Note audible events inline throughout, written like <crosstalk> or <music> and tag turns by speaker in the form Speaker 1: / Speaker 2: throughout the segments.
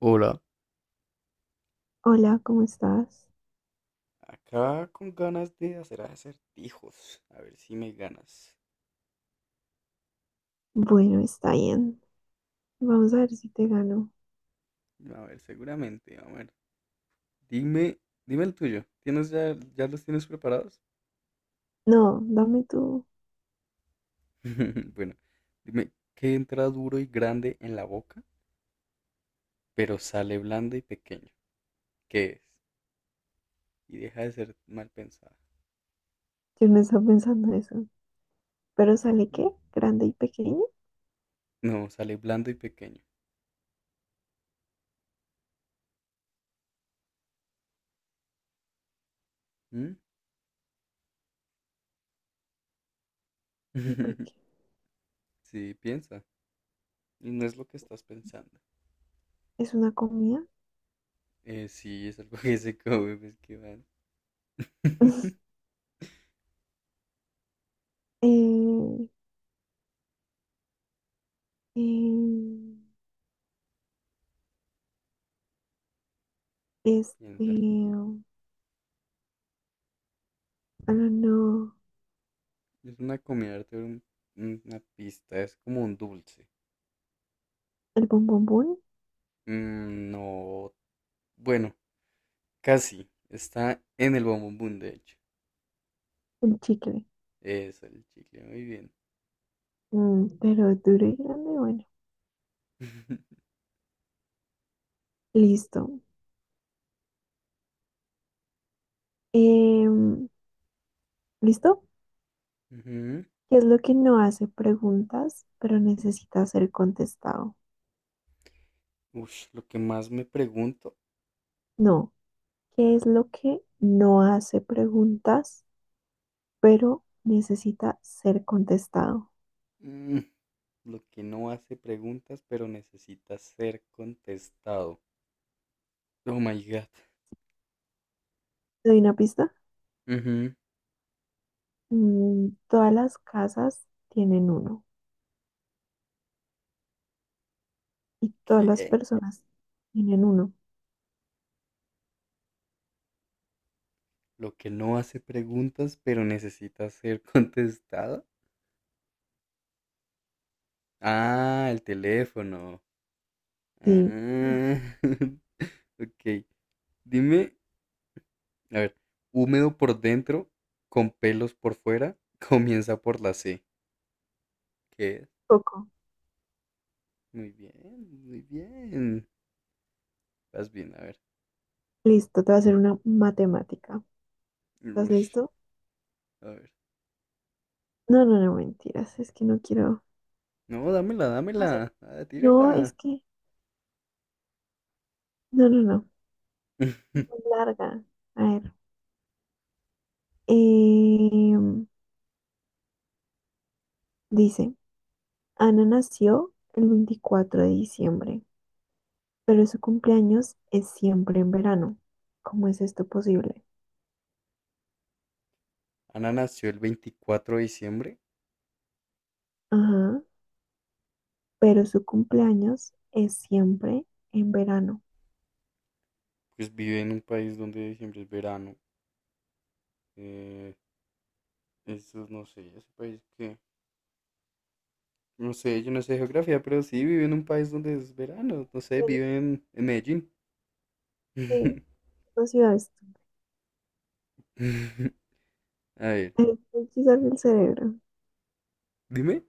Speaker 1: Hola.
Speaker 2: Hola, ¿cómo estás?
Speaker 1: Acá con ganas de hacer acertijos. A ver si me ganas.
Speaker 2: Bueno, está bien. Vamos a ver si te gano.
Speaker 1: A ver, seguramente. A ver. Dime, dime el tuyo. ¿Tienes ya, ya los tienes preparados?
Speaker 2: No, dame tú.
Speaker 1: <laughs> Bueno, dime, ¿qué entra duro y grande en la boca, pero sale blando y pequeño? ¿Qué es? Y deja de ser mal pensada.
Speaker 2: Yo no estaba pensando eso. ¿Pero sale qué?
Speaker 1: ¿Mm?
Speaker 2: ¿Grande y pequeño?
Speaker 1: No, sale blando y pequeño. ¿Mm?
Speaker 2: Y pequeño.
Speaker 1: <laughs> Sí, piensa. Y no es lo que estás pensando.
Speaker 2: ¿Es una comida?
Speaker 1: Sí, es algo <laughs> que se come, pues qué mal.
Speaker 2: <laughs>
Speaker 1: <laughs>
Speaker 2: Eh, eh, este...
Speaker 1: Piensa.
Speaker 2: Ah, no.
Speaker 1: Es una comida de arte, una pista, es como un dulce.
Speaker 2: ¿El bombombón?
Speaker 1: No, bueno, casi. Está en el bombombón, de hecho.
Speaker 2: El chicle.
Speaker 1: Es el chicle, muy bien.
Speaker 2: Mm, pero duro y grande, bueno.
Speaker 1: <laughs>
Speaker 2: Listo. Em, ¿Listo?
Speaker 1: Ujú.
Speaker 2: ¿Qué es lo que no hace preguntas, pero necesita ser contestado?
Speaker 1: Ush, lo que más me pregunto.
Speaker 2: No. ¿Qué es lo que no hace preguntas, pero necesita ser contestado?
Speaker 1: mm, lo que no hace preguntas, pero necesita ser contestado. Oh my God.
Speaker 2: ¿Te doy una pista?
Speaker 1: Ujú.
Speaker 2: Mm, todas las casas tienen uno y todas las
Speaker 1: ¿Qué?
Speaker 2: personas tienen uno.
Speaker 1: Lo que no hace preguntas, pero necesita ser <laughs> contestado. Ah, el teléfono.
Speaker 2: Sí,
Speaker 1: Ah, <laughs> ok. Dime, a ver, húmedo por dentro, con pelos por fuera, <laughs> comienza por la C. ¿Qué es?
Speaker 2: poco.
Speaker 1: Muy bien, muy bien. Vas bien, a ver.
Speaker 2: Listo, te voy a hacer una matemática. ¿Estás
Speaker 1: Ush,
Speaker 2: listo?
Speaker 1: a ver.
Speaker 2: No, no, no, mentiras. Es que no quiero
Speaker 1: No, dámela,
Speaker 2: hacer.
Speaker 1: dámela. Ah,
Speaker 2: No, es
Speaker 1: tírala.
Speaker 2: que. No, no, no. Es
Speaker 1: <laughs>
Speaker 2: muy larga. A ver. em, dice, Ana nació el 24 de diciembre, pero su cumpleaños es siempre en verano. ¿Cómo es esto posible?
Speaker 1: Ana nació el 24 de diciembre.
Speaker 2: Ajá, pero su cumpleaños es siempre en verano.
Speaker 1: Pues vive en un país donde diciembre es verano. Eh, Eso no sé, ese país que. No sé, yo no sé geografía, pero sí vive en un país donde es verano. No sé,
Speaker 2: Bueno,
Speaker 1: vive en Medellín.
Speaker 2: sí,
Speaker 1: <laughs>
Speaker 2: no ciudad esto.
Speaker 1: A ver,
Speaker 2: Ay, me quiso el cerebro.
Speaker 1: dime.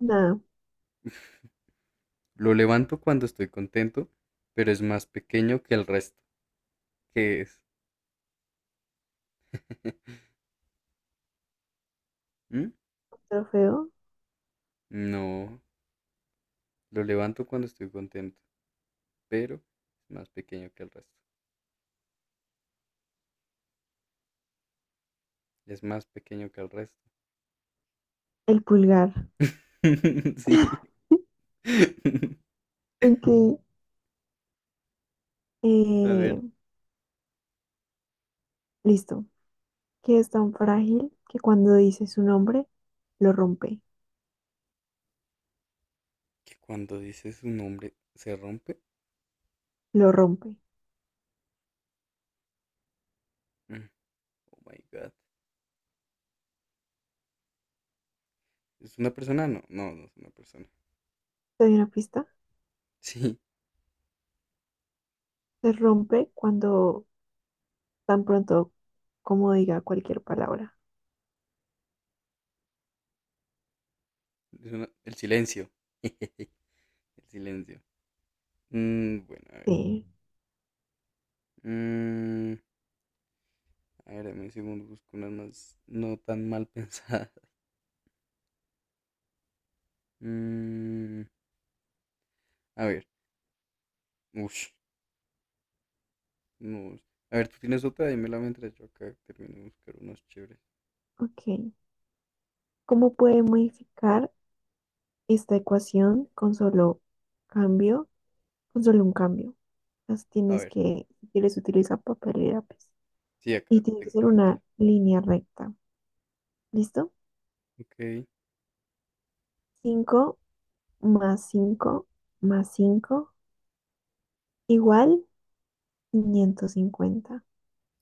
Speaker 2: Nada,
Speaker 1: Lo levanto cuando estoy contento, pero es más pequeño que el resto. ¿Qué es? <laughs> ¿Mm?
Speaker 2: trofeo.
Speaker 1: No, lo levanto cuando estoy contento, pero es más pequeño que el resto. Es más pequeño que el resto.
Speaker 2: El pulgar.
Speaker 1: <laughs> Sí.
Speaker 2: <laughs>
Speaker 1: <laughs>
Speaker 2: Ok,
Speaker 1: A
Speaker 2: eh,
Speaker 1: ver,
Speaker 2: listo. Que es tan frágil que cuando dice su nombre, lo rompe,
Speaker 1: que cuando dices su nombre se rompe.
Speaker 2: lo rompe.
Speaker 1: Mm, Oh my God. ¿Es una persona? No, no, no es una persona.
Speaker 2: ¿Te doy una pista?
Speaker 1: <laughs> Sí,
Speaker 2: Se rompe cuando tan pronto como diga cualquier palabra.
Speaker 1: es una- el silencio. <laughs> El silencio. Bueno, a ver.
Speaker 2: Sí,
Speaker 1: Mm, A ver, dame un segundo, busco unas más no tan mal <laughs> pensadas. Mm, a ver, ush, no. A ver, tú tienes otra, dímela mientras yo acá termino de buscar unos chéveres.
Speaker 2: ok. ¿Cómo puede modificar esta ecuación con solo cambio, con solo un cambio? Entonces
Speaker 1: A
Speaker 2: tienes
Speaker 1: ver,
Speaker 2: que, si quieres, utiliza papel y lápiz.
Speaker 1: sí, acá
Speaker 2: Y tiene que
Speaker 1: tengo,
Speaker 2: ser
Speaker 1: tranquila.
Speaker 2: una línea recta. ¿Listo?
Speaker 1: Ok,
Speaker 2: 5 más 5 más cinco igual 550.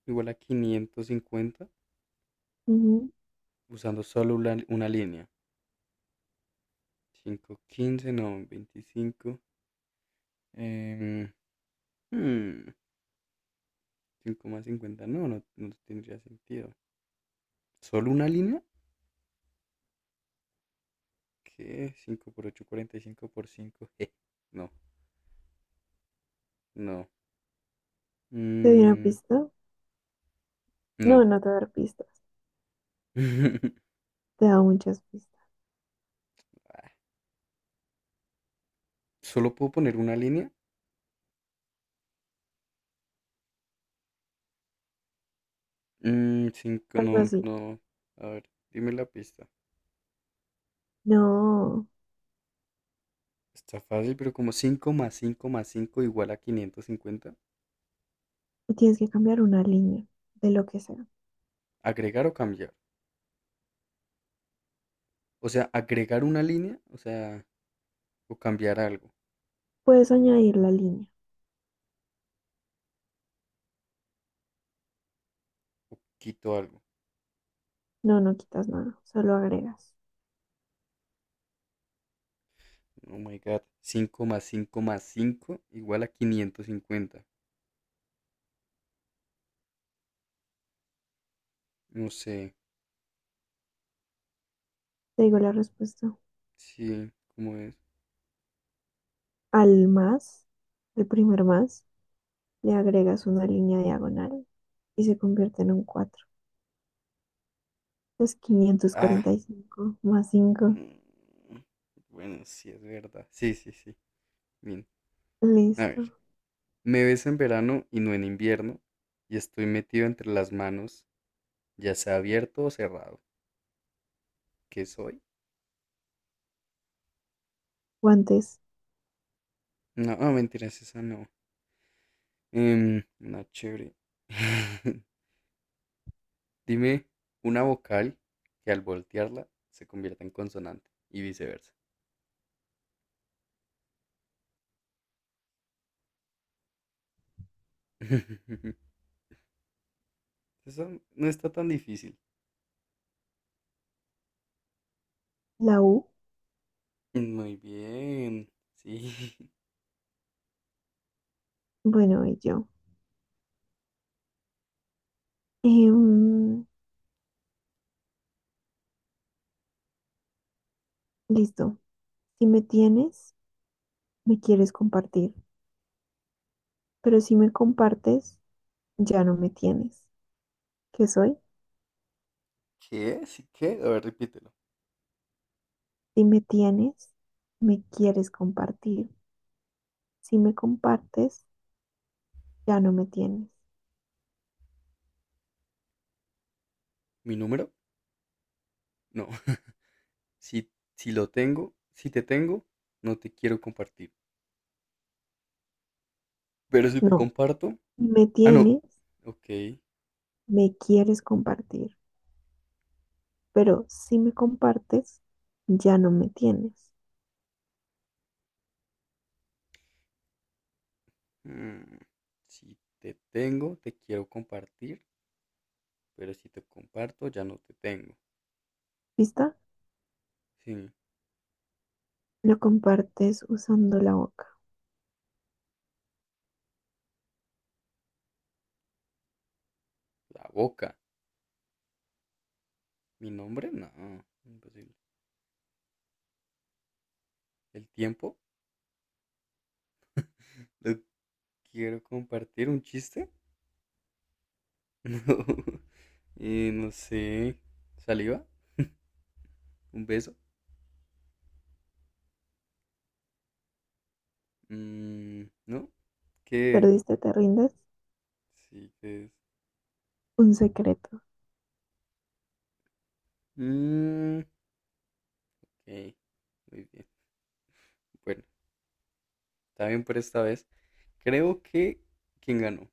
Speaker 1: igual a 550
Speaker 2: Ujú.
Speaker 1: usando solo una línea. Cinco quince no, 25, em, hmm, cinco más 50 no, no, no tendría sentido. ¿Solo una línea? ¿Qué? Cinco por ocho 45 por 5. <laughs> No, no.
Speaker 2: ¿Te doy una
Speaker 1: Mm,
Speaker 2: pista? No,
Speaker 1: no.
Speaker 2: no te voy a dar pistas.
Speaker 1: <laughs>
Speaker 2: Te he dado muchas pistas.
Speaker 1: ¿Solo puedo poner una línea? Cinco,
Speaker 2: Tan
Speaker 1: no,
Speaker 2: fácil.
Speaker 1: no. A ver, dime la pista.
Speaker 2: No,
Speaker 1: Está fácil, pero como 5 más 5 más 5 igual a 550.
Speaker 2: tienes que cambiar una línea de lo que sea.
Speaker 1: ¿Agregar o cambiar? O sea, agregar una línea, o sea, o cambiar algo,
Speaker 2: Puedes añadir la línea.
Speaker 1: o quito algo.
Speaker 2: No, no quitas nada, solo agregas.
Speaker 1: Oh my God. 5 más 5 más 5 igual a 550. No sé,
Speaker 2: Te digo la respuesta.
Speaker 1: sí, ¿cómo es?
Speaker 2: Al más, el primer más, le agregas una línea diagonal y se convierte en un 4. Es quinientos
Speaker 1: Ah,
Speaker 2: cuarenta y cinco más cinco.
Speaker 1: mm, bueno, sí, es verdad. Sí, sí, sí. Bien. A ver.
Speaker 2: Listo.
Speaker 1: Me ves en verano y no en invierno, y estoy metido entre las manos, ya sea abierto o cerrado. ¿Qué soy?
Speaker 2: Guantes,
Speaker 1: No, ah, mentiras, esa no. Una chévere. <laughs> Dime una vocal que al voltearla se convierta en consonante y viceversa. <laughs> Eso no está tan difícil.
Speaker 2: la U.
Speaker 1: Muy bien. Sí. <laughs>
Speaker 2: Bueno, y yo. Em, listo. Si me tienes, me quieres compartir. Pero si me compartes, ya no me tienes. ¿Qué soy?
Speaker 1: ¿Qué? ¿Sí qué? A ver, repítelo.
Speaker 2: Si me tienes, me quieres compartir. Si me compartes, ya no me tienes.
Speaker 1: ¿Mi número? No. <laughs> Si lo tengo, si te tengo, no te quiero compartir. Pero si te
Speaker 2: No,
Speaker 1: comparto.
Speaker 2: ni me
Speaker 1: Ah, no.
Speaker 2: tienes,
Speaker 1: Ok.
Speaker 2: me quieres compartir, pero si me compartes, ya no me tienes.
Speaker 1: mm, Si te tengo, te quiero compartir. Pero si te comparto, ya no te tengo.
Speaker 2: ¿Vista?
Speaker 1: Sí.
Speaker 2: Lo compartes usando la boca.
Speaker 1: La boca. Mi nombre, no. Imposible. El tiempo. Lo quiero compartir. ¿Un chiste? <laughs> No. No sé. ¿Saliva? ¿Un beso? Mm, ¿no? ¿Qué es?
Speaker 2: ¿Perdiste, te rindes?
Speaker 1: Sí, ¿qué es?
Speaker 2: Un secreto.
Speaker 1: Mm, ok. Muy bien. Bueno, está bien por esta vez. Creo que. ¿Quién ganó?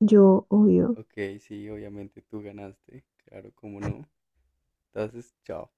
Speaker 2: Yo obvio.
Speaker 1: Ok, sí, obviamente tú ganaste. Claro, cómo no. Entonces, chao.